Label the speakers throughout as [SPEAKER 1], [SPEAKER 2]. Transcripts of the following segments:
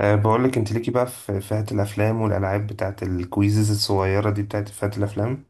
[SPEAKER 1] بقول لك انت ليكي بقى في فئة الافلام والالعاب بتاعت الكويزز الصغيرة دي بتاعت فئة الافلام.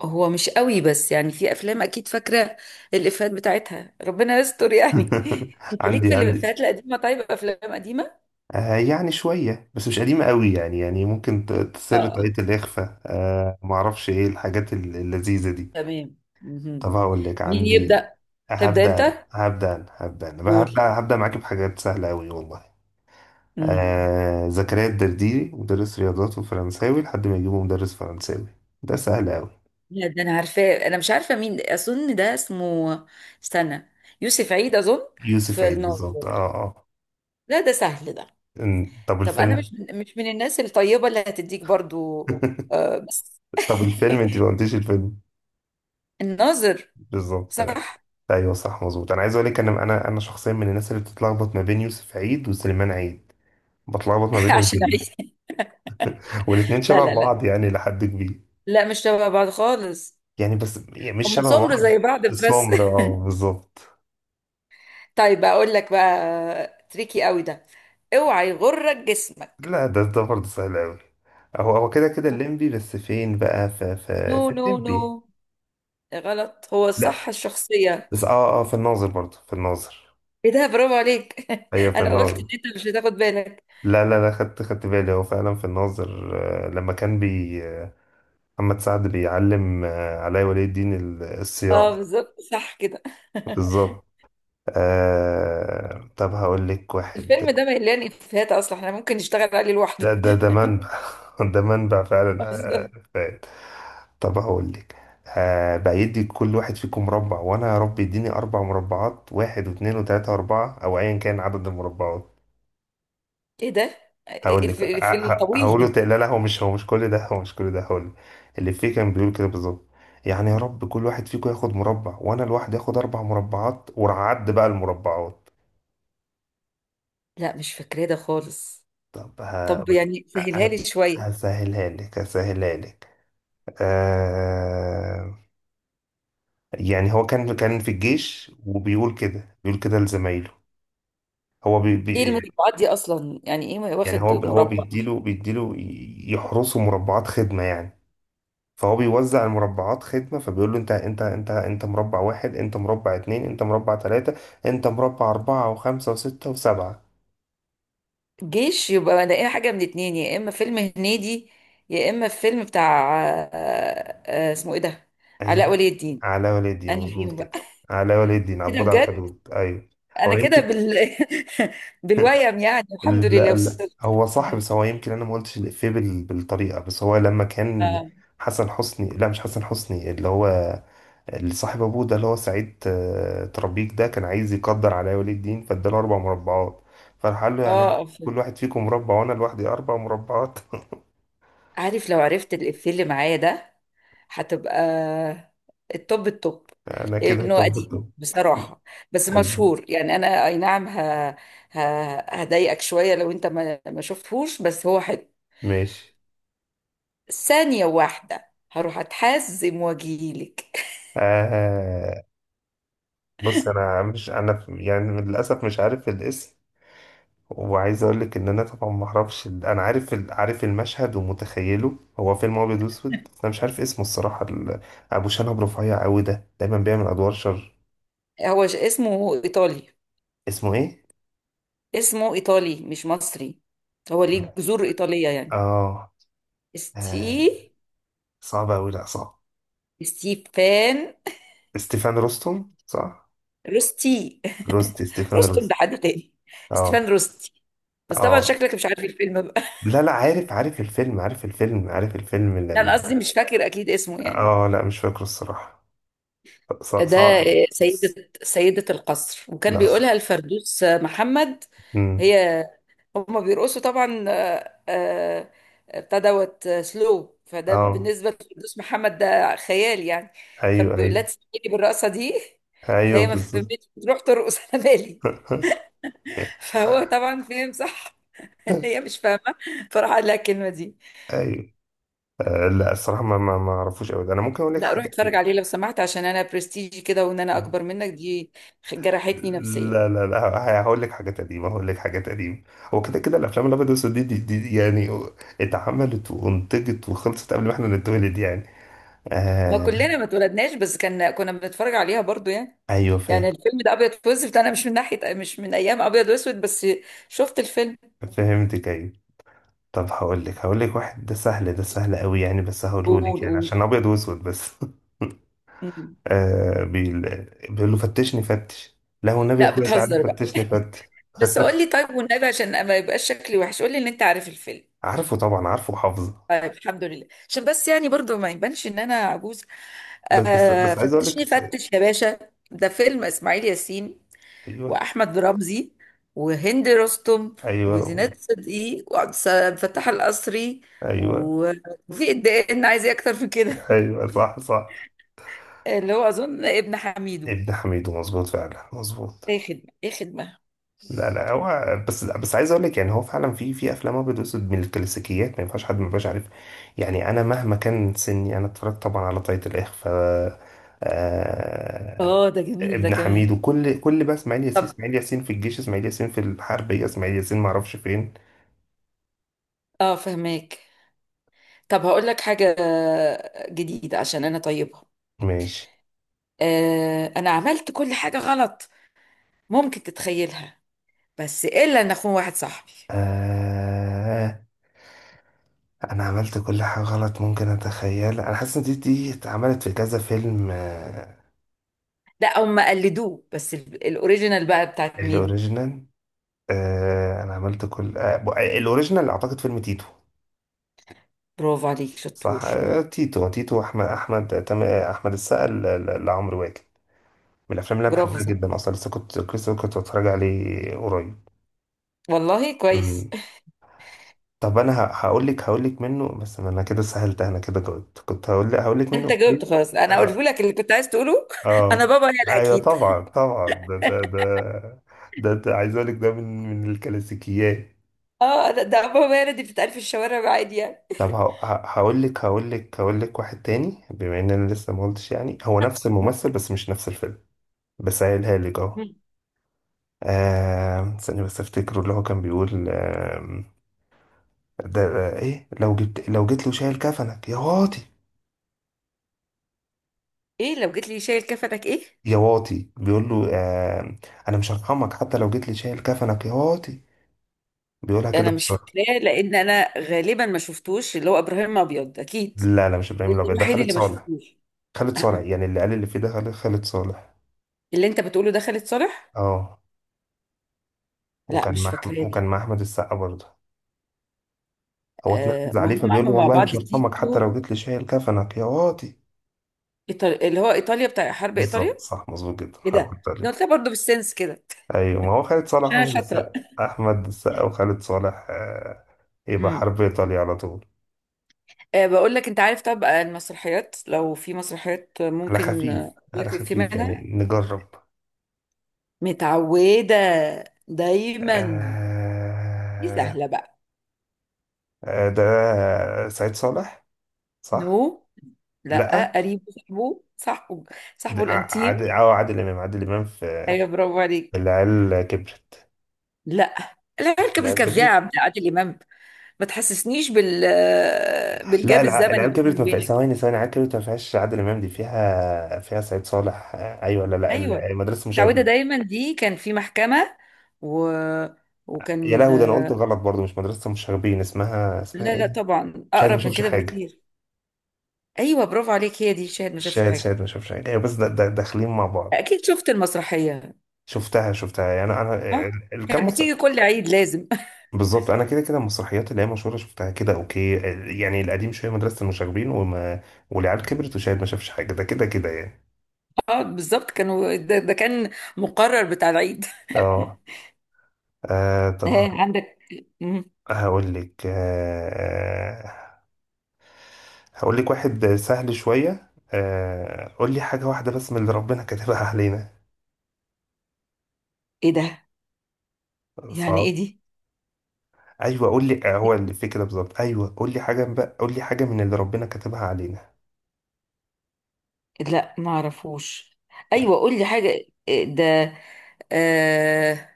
[SPEAKER 2] هو مش قوي، بس يعني في افلام اكيد فاكره الافيهات بتاعتها. ربنا يستر يعني انت ليك
[SPEAKER 1] عندي
[SPEAKER 2] في
[SPEAKER 1] عندي
[SPEAKER 2] الافيهات القديمه؟ طيب افلام قديمه.
[SPEAKER 1] يعني شوية بس مش قديمة قوي يعني ممكن
[SPEAKER 2] اه
[SPEAKER 1] تسر طاقية
[SPEAKER 2] اه.
[SPEAKER 1] الإخفاء. معرفش ايه الحاجات اللذيذة دي.
[SPEAKER 2] تمام مهم.
[SPEAKER 1] طب هقول لك،
[SPEAKER 2] مين
[SPEAKER 1] عندي.
[SPEAKER 2] يبدا؟ تبدا
[SPEAKER 1] هبدأ
[SPEAKER 2] انت.
[SPEAKER 1] أنا، هبدأ أنا، هبدأ أنا. هبدأ
[SPEAKER 2] قول.
[SPEAKER 1] هبدأ معاكي بحاجات سهلة قوي والله.
[SPEAKER 2] مم.
[SPEAKER 1] زكريا الدرديري مدرس رياضات وفرنساوي لحد ما يجيبه مدرس فرنساوي. ده سهل قوي.
[SPEAKER 2] لا ده انا عارفاه. انا مش عارفه مين، اظن ده اسمه، استنى، يوسف عيد اظن.
[SPEAKER 1] يوسف
[SPEAKER 2] في
[SPEAKER 1] عيد بالظبط،
[SPEAKER 2] الناظر.
[SPEAKER 1] اه اه.
[SPEAKER 2] لا ده سهل ده.
[SPEAKER 1] طب
[SPEAKER 2] طب انا
[SPEAKER 1] الفيلم.
[SPEAKER 2] مش من الناس الطيبه اللي هتديك برضو. آه بس.
[SPEAKER 1] طب الفيلم، انت ما قلتيش الفيلم؟
[SPEAKER 2] الناظر.
[SPEAKER 1] بالظبط.
[SPEAKER 2] صح.
[SPEAKER 1] ايوه صح مظبوط، انا عايز اقول لك انا شخصيا من الناس اللي بتتلخبط ما بين يوسف عيد وسليمان عيد. بتلخبط ما بينهم
[SPEAKER 2] عشان
[SPEAKER 1] جدا.
[SPEAKER 2] عيد.
[SPEAKER 1] والاثنين
[SPEAKER 2] لا
[SPEAKER 1] شبه
[SPEAKER 2] لا لا
[SPEAKER 1] بعض يعني لحد كبير.
[SPEAKER 2] لا، مش شبه بعض خالص.
[SPEAKER 1] يعني بس يعني مش
[SPEAKER 2] هم
[SPEAKER 1] شبه
[SPEAKER 2] سمر زي
[SPEAKER 1] بعض،
[SPEAKER 2] بعض بس.
[SPEAKER 1] السمر اه بالظبط.
[SPEAKER 2] طيب اقول لك بقى تريكي قوي ده. اوعى يغرك جسمك.
[SPEAKER 1] لا، ده برضه سهل قوي. هو كده كده الليمبي، بس فين بقى؟ في
[SPEAKER 2] نو
[SPEAKER 1] في في
[SPEAKER 2] نو نو.
[SPEAKER 1] الليمبي.
[SPEAKER 2] غلط، هو
[SPEAKER 1] لا
[SPEAKER 2] صح الشخصية.
[SPEAKER 1] بس اه اه، في الناظر برضه، في الناظر.
[SPEAKER 2] ايه ده؟ برافو عليك
[SPEAKER 1] ايوه في
[SPEAKER 2] انا قلت ان
[SPEAKER 1] الناظر.
[SPEAKER 2] انت مش هتاخد بالك.
[SPEAKER 1] لا لا لا، خدت بالي، هو فعلا في الناظر. لما كان بي آه، محمد سعد بيعلم، علاء ولي الدين
[SPEAKER 2] اه
[SPEAKER 1] الصياعة.
[SPEAKER 2] بالظبط، صح كده
[SPEAKER 1] بالظبط. طب هقول لك واحد.
[SPEAKER 2] الفيلم ده مليان افيهات اصلا، احنا ممكن نشتغل عليه لوحده
[SPEAKER 1] ده منبع. ده منبع فعلا.
[SPEAKER 2] بالظبط.
[SPEAKER 1] فات. طب هقول لك. بيدي كل واحد فيكم مربع، وانا يا رب يديني اربع مربعات، واحد واثنين وثلاثة واربعة، او ايا كان عدد المربعات.
[SPEAKER 2] ايه ده؟
[SPEAKER 1] هقول لك
[SPEAKER 2] الفيلم الطويل
[SPEAKER 1] هقول له،
[SPEAKER 2] ده؟
[SPEAKER 1] لا لا، هو مش كل ده، هقول لك اللي فيه كان بيقول كده بالظبط. يعني يا رب كل واحد فيكم ياخد مربع، وانا لوحدي اخد اربع مربعات، وعد بقى المربعات.
[SPEAKER 2] لا مش فاكراه ده خالص.
[SPEAKER 1] طب
[SPEAKER 2] طب
[SPEAKER 1] هقول لك.
[SPEAKER 2] يعني
[SPEAKER 1] ه-
[SPEAKER 2] سهلها
[SPEAKER 1] ه-
[SPEAKER 2] لي شوية.
[SPEAKER 1] هسهلها لك. آه يعني هو كان في الجيش، وبيقول كده، بيقول كده لزمايله. هو بي
[SPEAKER 2] ايه
[SPEAKER 1] بي
[SPEAKER 2] المربعات دي اصلا؟ يعني ايه
[SPEAKER 1] يعني
[SPEAKER 2] واخد
[SPEAKER 1] هو هو
[SPEAKER 2] مربع؟
[SPEAKER 1] بيديله يحرسه مربعات خدمة يعني. فهو بيوزع المربعات خدمة، فبيقول له انت مربع واحد، انت مربع اتنين، انت مربع تلاتة، انت مربع اربعة، وخمسة وستة وسبعة.
[SPEAKER 2] جيش، يبقى الاقيها حاجه من اتنين، يا اما فيلم هنيدي، يا اما فيلم بتاع اسمه ايه ده، علاء
[SPEAKER 1] ايوه،
[SPEAKER 2] ولي الدين.
[SPEAKER 1] على والدي،
[SPEAKER 2] انا
[SPEAKER 1] مظبوط
[SPEAKER 2] فيهم بقى
[SPEAKER 1] كده. على والدي،
[SPEAKER 2] كده
[SPEAKER 1] عبود على
[SPEAKER 2] بجد.
[SPEAKER 1] الحدود، ايوه. هو
[SPEAKER 2] انا كده
[SPEAKER 1] يمكن.
[SPEAKER 2] بال بالويم، يعني الحمد
[SPEAKER 1] لا
[SPEAKER 2] لله
[SPEAKER 1] لا،
[SPEAKER 2] وصلت.
[SPEAKER 1] هو صح، بس هو يمكن انا ما قلتش الافيه بالطريقة، بس هو لما كان
[SPEAKER 2] اه.
[SPEAKER 1] حسن حسني، لا مش حسن حسني، اللي هو اللي صاحب ابوه، ده اللي هو سعيد ترابيك. ده كان عايز يقدر على ولي الدين، فاداله اربع مربعات، فراح قال له يعني
[SPEAKER 2] فيلم.
[SPEAKER 1] كل واحد فيكم مربع، وانا لوحدي اربع مربعات.
[SPEAKER 2] عارف لو عرفت الافيه اللي معايا ده، هتبقى التوب التوب.
[SPEAKER 1] انا كده،
[SPEAKER 2] لانه
[SPEAKER 1] طب
[SPEAKER 2] قديم
[SPEAKER 1] طب
[SPEAKER 2] بصراحه، بس مشهور يعني. انا اي نعم، ه... هضايقك شويه لو انت ما شفتهوش، بس هو حلو.
[SPEAKER 1] ماشي.
[SPEAKER 2] ثانيه واحده هروح اتحزم واجيلك.
[SPEAKER 1] آه بص، انا يعني للاسف مش عارف الاسم. وعايز اقول لك ان انا طبعا ما اعرفش انا عارف عارف المشهد ومتخيله. هو فيلم ابيض واسود، بس انا مش عارف اسمه الصراحه. ابو شنب رفيع قوي ده دايما بيعمل ادوار شر.
[SPEAKER 2] هو اسمه ايطالي.
[SPEAKER 1] اسمه ايه؟
[SPEAKER 2] اسمه ايطالي مش مصري. هو ليه جذور ايطاليه يعني.
[SPEAKER 1] اه
[SPEAKER 2] استي،
[SPEAKER 1] آه صعب أوي. لأ صعب.
[SPEAKER 2] ستيفان
[SPEAKER 1] ستيفان روستوم صح؟
[SPEAKER 2] روستي.
[SPEAKER 1] روستي. ستيفان
[SPEAKER 2] روستون ده
[SPEAKER 1] روستي.
[SPEAKER 2] حد تاني. ستيفان
[SPEAKER 1] اه
[SPEAKER 2] روستي. بس طبعا
[SPEAKER 1] اه.
[SPEAKER 2] شكلك مش عارف الفيلم.
[SPEAKER 1] لا لا، عارف الفيلم
[SPEAKER 2] لا انا قصدي
[SPEAKER 1] لما.
[SPEAKER 2] مش فاكر اكيد اسمه يعني.
[SPEAKER 1] اه لا مش فاكره الصراحة، صعب
[SPEAKER 2] ده
[SPEAKER 1] صعب بس.
[SPEAKER 2] سيدة القصر، وكان
[SPEAKER 1] لا صعب.
[SPEAKER 2] بيقولها الفردوس محمد.
[SPEAKER 1] أمم،
[SPEAKER 2] هي، هما بيرقصوا طبعا، ابتدوت سلو، فده
[SPEAKER 1] اه
[SPEAKER 2] بالنسبة لفردوس محمد ده خيال يعني.
[SPEAKER 1] ايوه
[SPEAKER 2] فبيقول لها
[SPEAKER 1] ايوه
[SPEAKER 2] تسمعيني بالرقصة دي.
[SPEAKER 1] ايوه
[SPEAKER 2] فهي ما
[SPEAKER 1] بالظبط.
[SPEAKER 2] فهمتش، تروح ترقص على بالي. فهو طبعا فهم صح ان هي مش فاهمة. فراح قال لها الكلمة دي.
[SPEAKER 1] ايوه لا الصراحة، ما اعرفوش أوي ده. انا ممكن اقول لك
[SPEAKER 2] لا روح
[SPEAKER 1] حاجة.
[SPEAKER 2] اتفرج عليه لو سمحت، عشان انا برستيجي كده، وان انا اكبر منك دي جرحتني نفسيا.
[SPEAKER 1] لا لا لا، هقول لك حاجات قديمة، هو كده كده الأفلام الأبيض والأسود دي يعني اتعملت وانتجت وخلصت قبل ما احنا نتولد يعني.
[SPEAKER 2] ما
[SPEAKER 1] آه
[SPEAKER 2] كلنا ما اتولدناش، بس كان كنا بنتفرج عليها برضو يعني.
[SPEAKER 1] أيوه
[SPEAKER 2] يعني
[SPEAKER 1] فاهم.
[SPEAKER 2] الفيلم ده ابيض واسود، انا مش من ناحيه مش من ايام ابيض واسود بس. شفت الفيلم.
[SPEAKER 1] فهمتك أيوه. طب هقول لك واحد، ده سهل قوي يعني، بس
[SPEAKER 2] قول
[SPEAKER 1] هقوله لك يعني
[SPEAKER 2] قول.
[SPEAKER 1] عشان أبيض وأسود بس.
[SPEAKER 2] مم.
[SPEAKER 1] آه بيقول بيقول له فتشني فتش، لا والنبي يا
[SPEAKER 2] لا
[SPEAKER 1] أخويا تعالى
[SPEAKER 2] بتهزر بقى.
[SPEAKER 1] فتشني فتش.
[SPEAKER 2] بس قول لي طيب والنبي، عشان ما يبقاش شكلي وحش، قول لي ان انت عارف الفيلم.
[SPEAKER 1] عارفه طبعا، عارفه وحافظه.
[SPEAKER 2] طيب الحمد لله، عشان بس يعني برضو ما يبانش ان انا عجوز.
[SPEAKER 1] بس بس بس عايز أقول لك.
[SPEAKER 2] فتشني فتش يا باشا. ده فيلم اسماعيل ياسين،
[SPEAKER 1] أيوه
[SPEAKER 2] واحمد رمزي، وهند رستم،
[SPEAKER 1] أيوه
[SPEAKER 2] وزينات صدقي، وعبد فتاح القصري،
[SPEAKER 1] أيوه.
[SPEAKER 2] و- وفي الدقن، عايز ايه اكتر من كده؟
[SPEAKER 1] ايوه صح صح.
[SPEAKER 2] اللي هو اظن ابن حميدو.
[SPEAKER 1] ابن حميدو، مظبوط فعلا مظبوط.
[SPEAKER 2] ايه خدمه ايه خدمه.
[SPEAKER 1] لا لا هو بس، لا بس عايز اقول لك، يعني هو فعلا في افلام ابيض واسود من الكلاسيكيات، ما ينفعش حد ما يبقاش عارف. يعني انا مهما كان سني، انا اتفرجت طبعا على طاقية الاخفاء. آه
[SPEAKER 2] اه ده جميل ده
[SPEAKER 1] ابن حميد،
[SPEAKER 2] كمان.
[SPEAKER 1] وكل كل بقى اسماعيل ياسين،
[SPEAKER 2] طب.
[SPEAKER 1] اسماعيل ياسين في الجيش، اسماعيل ياسين في الحربيه، اسماعيل ياسين ما اعرفش فين.
[SPEAKER 2] اه فهماك. طب هقول لك حاجه جديده عشان انا طيبها.
[SPEAKER 1] ماشي.
[SPEAKER 2] انا عملت كل حاجه غلط ممكن تتخيلها، بس الا ان اخون واحد صاحبي.
[SPEAKER 1] آه انا عملت كل حاجه غلط ممكن اتخيل. انا حاسس ان دي اتعملت في كذا فيلم.
[SPEAKER 2] لا هم قلدوه، بس الاوريجينال بقى بتاعت مين؟
[SPEAKER 1] الاوريجينال. انا عملت كل الاوريجينال اعتقد فيلم تيتو.
[SPEAKER 2] برافو عليك،
[SPEAKER 1] صح
[SPEAKER 2] شطور.
[SPEAKER 1] تيتو. احمد السقا لعمرو واكد. من الافلام اللي انا
[SPEAKER 2] برافو
[SPEAKER 1] بحبها
[SPEAKER 2] صح.
[SPEAKER 1] جدا اصلا، لسه كنت بتفرج عليه قريب.
[SPEAKER 2] والله كويس.
[SPEAKER 1] مم. طب انا هقول لك منه، بس انا كده سهلت، انا كده جاوبت. كنت هقول لك منه
[SPEAKER 2] انت
[SPEAKER 1] إفيه.
[SPEAKER 2] جاوبت خلاص، انا قلت
[SPEAKER 1] اه
[SPEAKER 2] لك اللي كنت عايز تقوله. انا
[SPEAKER 1] اه.
[SPEAKER 2] بابا يلا
[SPEAKER 1] ايوه
[SPEAKER 2] اكيد.
[SPEAKER 1] طبعا طبعا، ده ده عايز اقول لك ده من الكلاسيكيات.
[SPEAKER 2] اه ده بابا يلا، دي بتتقال في الشوارع عادي يعني.
[SPEAKER 1] طب هقول لك واحد تاني، بما ان انا لسه ما قلتش، يعني هو نفس الممثل بس مش نفس الفيلم، بس قايلها لك اهو. استني بس افتكره، اللي هو كان بيقول ده ايه، لو جيت له شايل كفنك يا واطي.
[SPEAKER 2] ايه لو جيت لي شايل كفتك ايه؟
[SPEAKER 1] يا واطي، بيقول له انا مش هرحمك حتى لو جيت لي شايل كفنك يا واطي، بيقولها كده
[SPEAKER 2] انا مش
[SPEAKER 1] بسرعه.
[SPEAKER 2] فاكراه، لان انا غالبا ما شفتوش. اللي هو ابراهيم ابيض اكيد،
[SPEAKER 1] لا لا مش
[SPEAKER 2] ده
[SPEAKER 1] ابراهيم الابيض، ده
[SPEAKER 2] الوحيد
[SPEAKER 1] خالد
[SPEAKER 2] اللي ما
[SPEAKER 1] صالح.
[SPEAKER 2] شفتوش.
[SPEAKER 1] خالد صالح يعني، اللي قال اللي فيه ده خالد صالح.
[SPEAKER 2] اللي انت بتقوله ده خالد صالح.
[SPEAKER 1] اه.
[SPEAKER 2] لا مش فاكراه ده.
[SPEAKER 1] وكان مع احمد السقا برضه. هو اتنرفز
[SPEAKER 2] ما
[SPEAKER 1] عليه،
[SPEAKER 2] هم
[SPEAKER 1] فبيقول له
[SPEAKER 2] عملوا مع
[SPEAKER 1] والله مش
[SPEAKER 2] بعض
[SPEAKER 1] هرحمك حتى
[SPEAKER 2] تيتو
[SPEAKER 1] لو جيت لي شايل كفنك يا واطي.
[SPEAKER 2] إيطالي، اللي هو ايطاليا بتاع حرب ايطاليا.
[SPEAKER 1] بالظبط صح، مظبوط جدا،
[SPEAKER 2] ايه ده،
[SPEAKER 1] حركت
[SPEAKER 2] ده
[SPEAKER 1] عليه.
[SPEAKER 2] قلتها برضه بالسنس كده.
[SPEAKER 1] ايوه، ما هو خالد صالح،
[SPEAKER 2] عشان انا
[SPEAKER 1] احمد
[SPEAKER 2] شاطره.
[SPEAKER 1] السقا. احمد السقا وخالد صالح يبقى حرب ايطاليا على طول.
[SPEAKER 2] بقول لك، انت عارف طبعا المسرحيات. لو في مسرحيات
[SPEAKER 1] على
[SPEAKER 2] ممكن
[SPEAKER 1] خفيف على
[SPEAKER 2] لك في
[SPEAKER 1] خفيف يعني،
[SPEAKER 2] منها.
[SPEAKER 1] نجرب.
[SPEAKER 2] متعودة دايما. دي
[SPEAKER 1] آه
[SPEAKER 2] سهلة بقى.
[SPEAKER 1] ده سعيد صالح، صح.
[SPEAKER 2] نو. لا
[SPEAKER 1] لا،
[SPEAKER 2] قريب، صاحبه صاحبه، صاحبه
[SPEAKER 1] عادل
[SPEAKER 2] الانتيم.
[SPEAKER 1] عادل اه عادل امام في
[SPEAKER 2] ايوه برافو
[SPEAKER 1] في
[SPEAKER 2] عليك.
[SPEAKER 1] العيال كبرت.
[SPEAKER 2] لا،
[SPEAKER 1] مش
[SPEAKER 2] العركة
[SPEAKER 1] العيال كبرت.
[SPEAKER 2] بالكذاب بتاع عادل امام. ما تحسسنيش
[SPEAKER 1] لا،
[SPEAKER 2] بالجاب الزمني
[SPEAKER 1] العيال
[SPEAKER 2] بيني
[SPEAKER 1] كبرت ما فيهاش.
[SPEAKER 2] وبينك.
[SPEAKER 1] ثواني ثواني، العيال كبرت ما فيهاش عادل امام، دي فيها سعيد صالح. ايوه لا لا
[SPEAKER 2] ايوه
[SPEAKER 1] مدرسه
[SPEAKER 2] متعودة
[SPEAKER 1] المشاغبين.
[SPEAKER 2] دايما، دي كان في محكمة، و...
[SPEAKER 1] يا
[SPEAKER 2] وكان.
[SPEAKER 1] لهوي، ده انا قلت غلط برضو، مش مدرسه المشاغبين، اسمها
[SPEAKER 2] لا
[SPEAKER 1] ايه؟
[SPEAKER 2] لا، طبعا
[SPEAKER 1] شاهد ما
[SPEAKER 2] اقرب من
[SPEAKER 1] شافش
[SPEAKER 2] كده
[SPEAKER 1] حاجه.
[SPEAKER 2] بكتير. ايوه برافو عليك، هي دي شاهد ما شافش
[SPEAKER 1] شاهد
[SPEAKER 2] حاجه.
[SPEAKER 1] شاهد ما شافش حاجه، ايوه بس ده داخلين مع بعض.
[SPEAKER 2] اكيد شفت المسرحيه.
[SPEAKER 1] شفتها يعني انا
[SPEAKER 2] اه. كانت
[SPEAKER 1] كام مصر.
[SPEAKER 2] بتيجي كل عيد لازم
[SPEAKER 1] بالظبط، انا كده كده المسرحيات اللي هي مشهوره شفتها كده، اوكي يعني القديم شويه، مدرسه المشاغبين والعيال كبرت وشاهد ما شافش حاجه، ده كده كده يعني.
[SPEAKER 2] اه بالظبط، كانوا ده كان مقرر بتاع العيد.
[SPEAKER 1] اه
[SPEAKER 2] ها
[SPEAKER 1] طب
[SPEAKER 2] عندك. مم.
[SPEAKER 1] هقول لك. هقول لك واحد سهل شوية. قول لي حاجة واحدة بس من اللي ربنا كاتبها علينا.
[SPEAKER 2] ايه ده؟ يعني
[SPEAKER 1] صعب.
[SPEAKER 2] ايه دي؟
[SPEAKER 1] ايوه قول لي، هو اللي في كده بالظبط. ايوه قول لي حاجة بقى، قول لي حاجة من اللي ربنا كاتبها علينا.
[SPEAKER 2] لا ما اعرفوش. ايوه قول لي حاجه. إيه ده؟ آه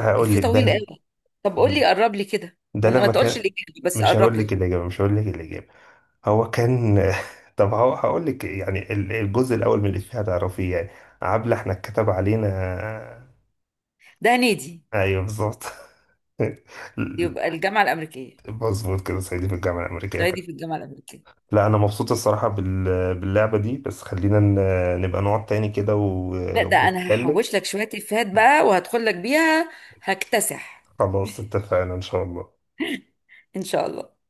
[SPEAKER 1] هقول
[SPEAKER 2] في
[SPEAKER 1] لك
[SPEAKER 2] طويل قوي. طب قول لي، قرب لي كده،
[SPEAKER 1] ده
[SPEAKER 2] ما
[SPEAKER 1] لما
[SPEAKER 2] تقولش
[SPEAKER 1] كان،
[SPEAKER 2] الاجابه بس
[SPEAKER 1] مش
[SPEAKER 2] قرب
[SPEAKER 1] هقول لك
[SPEAKER 2] لي.
[SPEAKER 1] الإجابة، هو كان. طب هو هقول لك يعني الجزء الأول من الإفيه هتعرفيه يعني. عبلة احنا اتكتب علينا
[SPEAKER 2] ده نادي.
[SPEAKER 1] ايوه بالظبط.
[SPEAKER 2] يبقى الجامعه الامريكيه.
[SPEAKER 1] مظبوط كده، صعيدي في الجامعة الأمريكية.
[SPEAKER 2] صعيدي في الجامعه الامريكيه.
[SPEAKER 1] لا، انا مبسوط الصراحه باللعبه دي، بس خلينا نبقى نقعد تاني كده
[SPEAKER 2] لا ده انا
[SPEAKER 1] ونتكلم.
[SPEAKER 2] هحوش لك شوية افيهات بقى وهدخل لك بيها. هكتسح.
[SPEAKER 1] خلاص اتفقنا ان شاء الله.
[SPEAKER 2] ان شاء الله.